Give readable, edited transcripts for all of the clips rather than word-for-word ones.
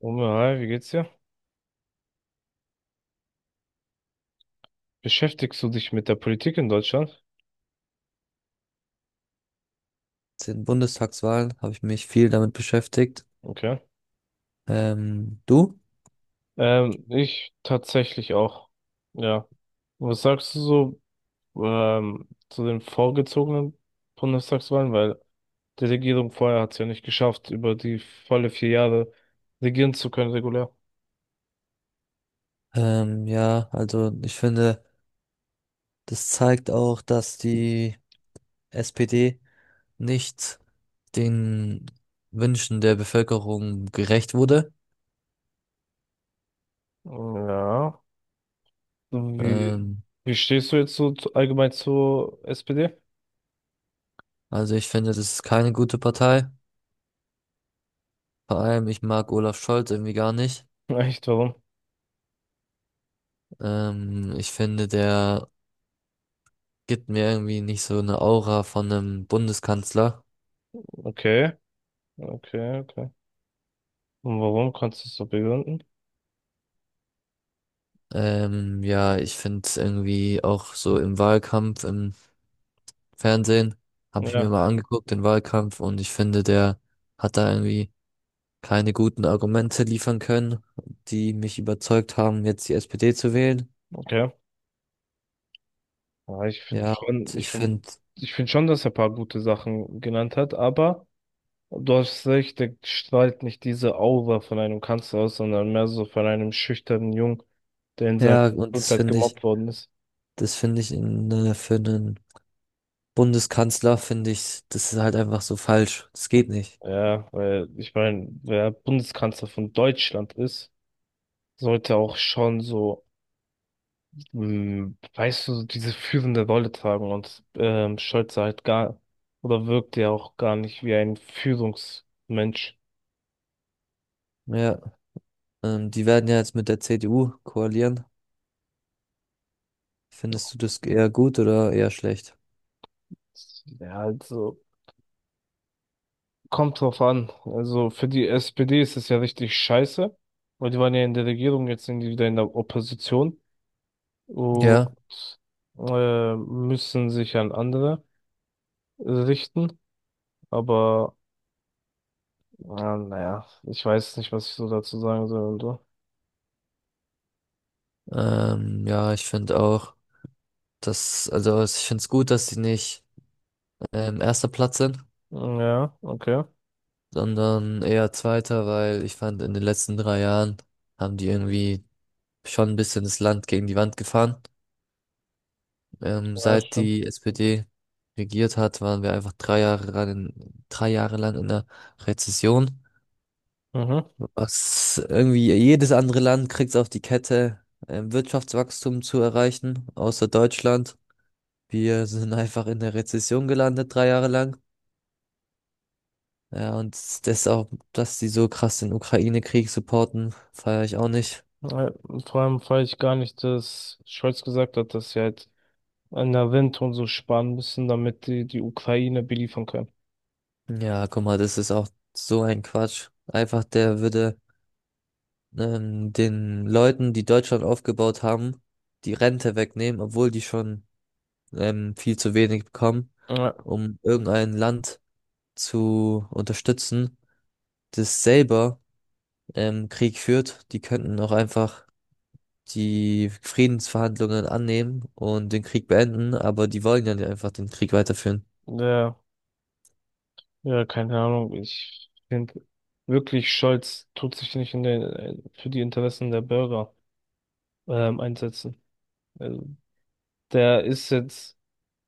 Wumme, hi, wie geht's dir? Beschäftigst du dich mit der Politik in Deutschland? Den Bundestagswahlen habe ich mich viel damit beschäftigt. Okay. Du? Ich tatsächlich auch. Ja. Was sagst du so zu den vorgezogenen Bundestagswahlen? Weil die Regierung vorher hat es ja nicht geschafft, über die volle 4 Jahre regieren zu können, regulär. Ja, also ich finde, das zeigt auch, dass die SPD nicht den Wünschen der Bevölkerung gerecht wurde. Ja. Wie, Ähm, wie stehst du jetzt so allgemein zur SPD? also ich finde, das ist keine gute Partei. Vor allem, ich mag Olaf Scholz irgendwie gar nicht. Echt, warum? Ich finde, der gibt mir irgendwie nicht so eine Aura von einem Bundeskanzler. Okay, okay, okay. Und warum? Kannst du es so begründen? Ja, ich finde es irgendwie auch so im Wahlkampf, im Fernsehen, habe ich mir Ja, mal angeguckt, den Wahlkampf, und ich finde, der hat da irgendwie keine guten Argumente liefern können, die mich überzeugt haben, jetzt die SPD zu wählen. okay. Ja, Ja, und ich finde, ich finde schon, dass er ein paar gute Sachen genannt hat, aber du hast recht, der strahlt nicht diese Aura von einem Kanzler aus, sondern mehr so von einem schüchternen Jungen, der in seiner ja, und das Schulzeit finde ich, gemobbt worden ist. das finde ich für einen Bundeskanzler, finde ich, das ist halt einfach so falsch. Das geht nicht. Ja, weil ich meine, wer Bundeskanzler von Deutschland ist, sollte auch schon so, weißt du, diese führende Rolle tragen und Scholz sah halt gar, oder wirkt ja auch gar nicht wie ein Führungsmensch. Ja, die werden ja jetzt mit der CDU koalieren. Findest du das eher gut oder eher schlecht? Ja, also. Kommt drauf an. Also für die SPD ist es ja richtig scheiße, weil die waren ja in der Regierung, jetzt sind die wieder in der Opposition und Ja. Müssen sich an andere richten. Aber ja, naja, ich weiß nicht, was ich so dazu sagen soll und so. Ja, ich finde auch, dass, also ich finde es gut, dass sie nicht erster Platz sind, Ja, okay. sondern eher zweiter, weil ich fand, in den letzten 3 Jahren haben die irgendwie schon ein bisschen das Land gegen die Wand gefahren. Ja, Seit schon. die SPD regiert hat, waren wir einfach drei Jahre lang in der Rezession. Mhm. Was irgendwie jedes andere Land kriegt es auf die Kette, Wirtschaftswachstum zu erreichen, außer Deutschland. Wir sind einfach in der Rezession gelandet, 3 Jahre lang. Ja, und das auch, dass die so krass den Ukraine-Krieg supporten, feiere ich auch nicht. Ja, vor allem fand ich gar nicht, dass Scholz gesagt hat, dass sie halt an der Rente und so sparen müssen, damit die Ukraine beliefern können. Ja, guck mal, das ist auch so ein Quatsch. Einfach, der würde den Leuten, die Deutschland aufgebaut haben, die Rente wegnehmen, obwohl die schon viel zu wenig bekommen, Ja, um irgendein Land zu unterstützen, das selber Krieg führt. Die könnten auch einfach die Friedensverhandlungen annehmen und den Krieg beenden, aber die wollen ja nicht einfach den Krieg weiterführen. ja. Ja, keine Ahnung. Ich finde wirklich, Scholz tut sich nicht für die Interessen der Bürger einsetzen. Also, der ist jetzt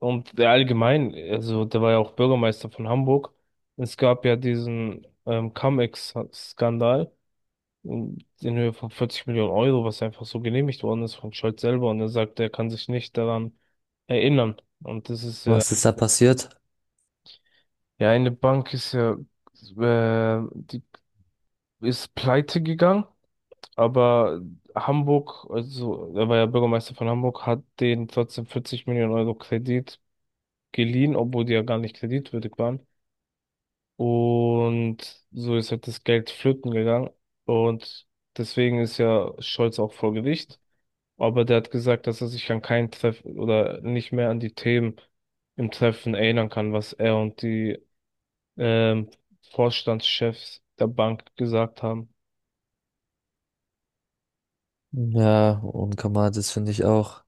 und der allgemein, also der war ja auch Bürgermeister von Hamburg. Es gab ja diesen Cum-Ex-Skandal in Höhe von 40 Millionen Euro, was einfach so genehmigt worden ist von Scholz selber. Und er sagt, er kann sich nicht daran erinnern. Und das ist ja, Was ist da passiert? ja, eine Bank ist ja, die ist pleite gegangen. Aber Hamburg, also er war ja Bürgermeister von Hamburg, hat denen trotzdem 40 Millionen Euro Kredit geliehen, obwohl die ja gar nicht kreditwürdig waren. Und so ist halt das Geld flöten gegangen. Und deswegen ist ja Scholz auch vor Gericht. Aber der hat gesagt, dass er sich an keinen Treffen oder nicht mehr an die Themen im Treffen erinnern kann, was er und die ähm, Vorstandschefs der Bank gesagt haben. Ja, und Kamal, das finde ich auch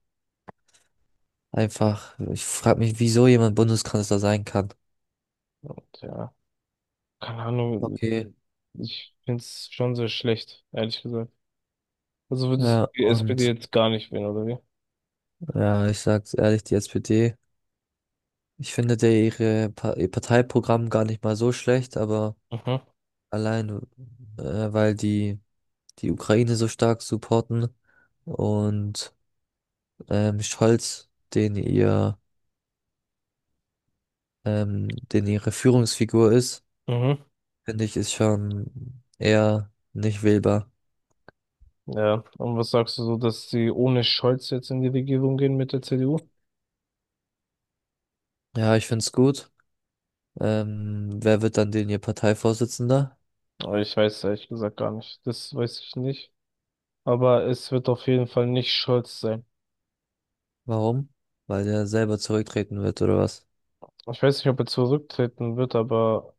einfach. Ich frage mich, wieso jemand Bundeskanzler sein kann. Und ja, keine Ahnung. Okay. Ich finde es schon sehr schlecht, ehrlich gesagt. Also würdest du Ja, die SPD und jetzt gar nicht wählen, oder wie? ja, ich sag's ehrlich, die SPD, ich finde der ihre ihr Parteiprogramm gar nicht mal so schlecht, aber Mhm. allein weil die die Ukraine so stark supporten und Scholz, den ihre Führungsfigur ist, Mhm. finde ich, ist schon eher nicht wählbar. Ja, und was sagst du so, dass sie ohne Scholz jetzt in die Regierung gehen mit der CDU? Ja, ich finde es gut. Wer wird dann denn ihr Parteivorsitzender? Aber ich weiß es ehrlich gesagt gar nicht. Das weiß ich nicht. Aber es wird auf jeden Fall nicht Scholz sein. Warum? Weil der selber zurücktreten wird oder was? Ich weiß nicht, ob er zurücktreten wird, aber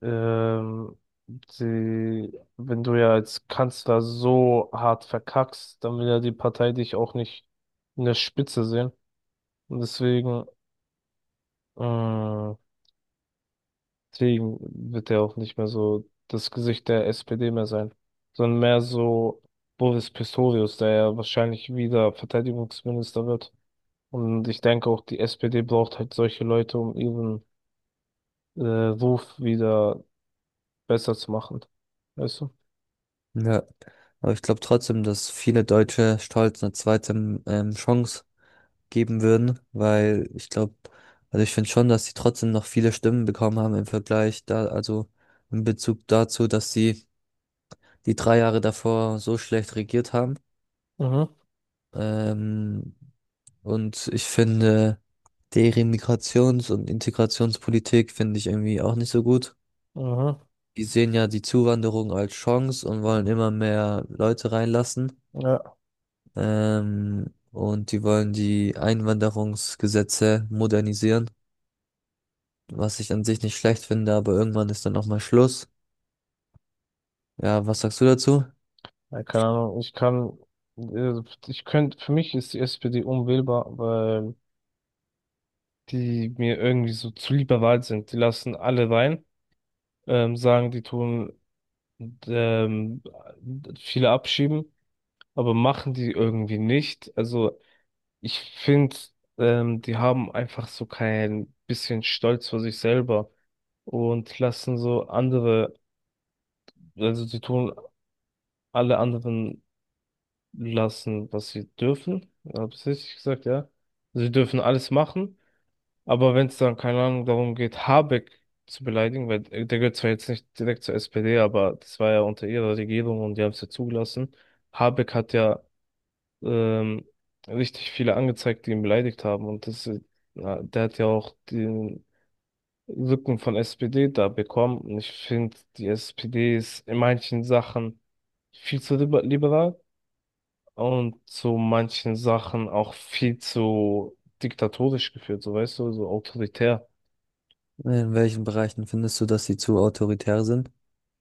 ähm, sie, wenn du ja als Kanzler so hart verkackst, dann will ja die Partei dich auch nicht in der Spitze sehen. Und deswegen Mm, Deswegen wird er auch nicht mehr so das Gesicht der SPD mehr sein, sondern mehr so Boris Pistorius, der ja wahrscheinlich wieder Verteidigungsminister wird. Und ich denke auch, die SPD braucht halt solche Leute, um ihren Ruf wieder besser zu machen. Weißt du? Ja, aber ich glaube trotzdem, dass viele Deutsche Stolz eine zweite Chance geben würden, weil ich glaube, also ich finde schon, dass sie trotzdem noch viele Stimmen bekommen haben im Vergleich da, also in Bezug dazu, dass sie die 3 Jahre davor so schlecht regiert haben. Mhm, Ähm, und ich finde, deren Migrations- und Integrationspolitik finde ich irgendwie auch nicht so gut. mhm, Die sehen ja die Zuwanderung als Chance und wollen immer mehr Leute reinlassen. ja, Und die wollen die Einwanderungsgesetze modernisieren, was ich an sich nicht schlecht finde, aber irgendwann ist dann auch mal Schluss. Ja, was sagst du dazu? ja, keine Ahnung. Ich kann, äh, ich könnte, für mich ist die SPD unwählbar, weil die mir irgendwie so zu liberal sind. Die lassen alle rein. Sagen, die tun ähm, viele abschieben, aber machen die irgendwie nicht. Also ich finde, die haben einfach so kein bisschen Stolz vor sich selber und lassen so andere, also die tun alle anderen lassen, was sie dürfen. Habe ich richtig gesagt, ja? Sie dürfen alles machen. Aber wenn es dann, keine Ahnung, darum geht, Habeck zu beleidigen, weil der gehört zwar jetzt nicht direkt zur SPD, aber das war ja unter ihrer Regierung und die haben es ja zugelassen. Habeck hat ja ähm, richtig viele angezeigt, die ihn beleidigt haben. Und das, na, der hat ja auch den Rücken von SPD da bekommen. Und ich finde, die SPD ist in manchen Sachen viel zu liberal und zu manchen Sachen auch viel zu diktatorisch geführt, so weißt du, so autoritär. In welchen Bereichen findest du, dass sie zu autoritär sind?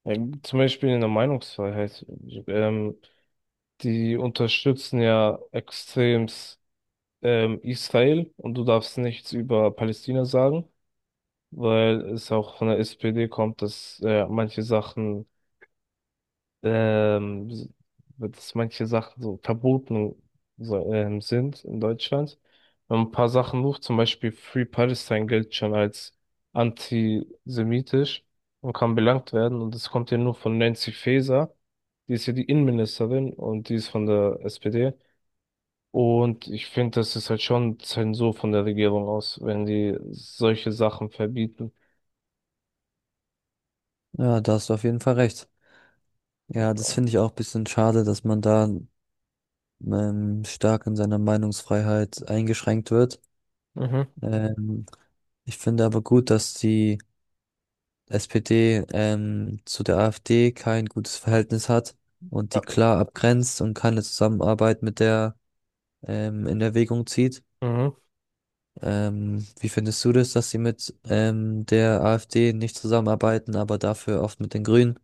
Ja, zum Beispiel in der Meinungsfreiheit. Ähm, die unterstützen ja extremst Israel und du darfst nichts über Palästina sagen, weil es auch von der SPD kommt, ähm, dass manche Sachen so verboten so, sind in Deutschland. Und ein paar Sachen hoch, zum Beispiel Free Palestine gilt schon als antisemitisch und kann belangt werden. Und das kommt ja nur von Nancy Faeser. Die ist ja die Innenministerin und die ist von der SPD. Und ich finde, das ist halt schon Zensur von der Regierung aus, wenn die solche Sachen verbieten. Ja, da hast du auf jeden Fall recht. Ja, das finde ich auch ein bisschen schade, dass man da stark in seiner Meinungsfreiheit eingeschränkt wird. Mhm. Ähm, Ich finde aber gut, dass die SPD zu der AfD kein gutes Verhältnis hat und die Ja. klar abgrenzt und keine Zusammenarbeit mit der in Erwägung zieht. Mhm. Wie findest du das, dass sie mit der AfD nicht zusammenarbeiten, aber dafür oft mit den Grünen?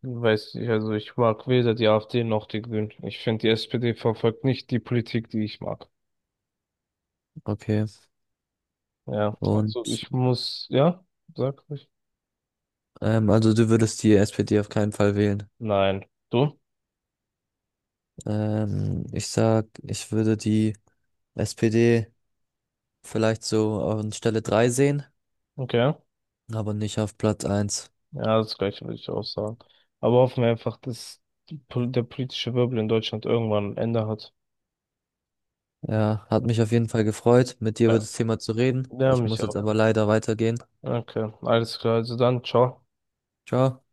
Weiß ich, also ich mag weder die AfD noch die Grünen. Ich finde, die SPD verfolgt nicht die Politik, die ich mag. Okay. Ja, Und also ich muss, ja, sag ich. Also du würdest die SPD auf keinen Fall wählen. Nein. Du? Ich sag, ich würde die SPD vielleicht so an Stelle 3 sehen, Okay. aber nicht auf Platz eins. Ja, das gleiche würde ich auch sagen. Aber hoffen wir einfach, dass der politische Wirbel in Deutschland irgendwann ein Ende hat. Ja, hat mich auf jeden Fall gefreut, mit dir über Ja. das Thema zu reden. Ja, Ich mich muss jetzt auch. aber leider weitergehen. Okay, alles klar. Also dann, ciao. Ciao.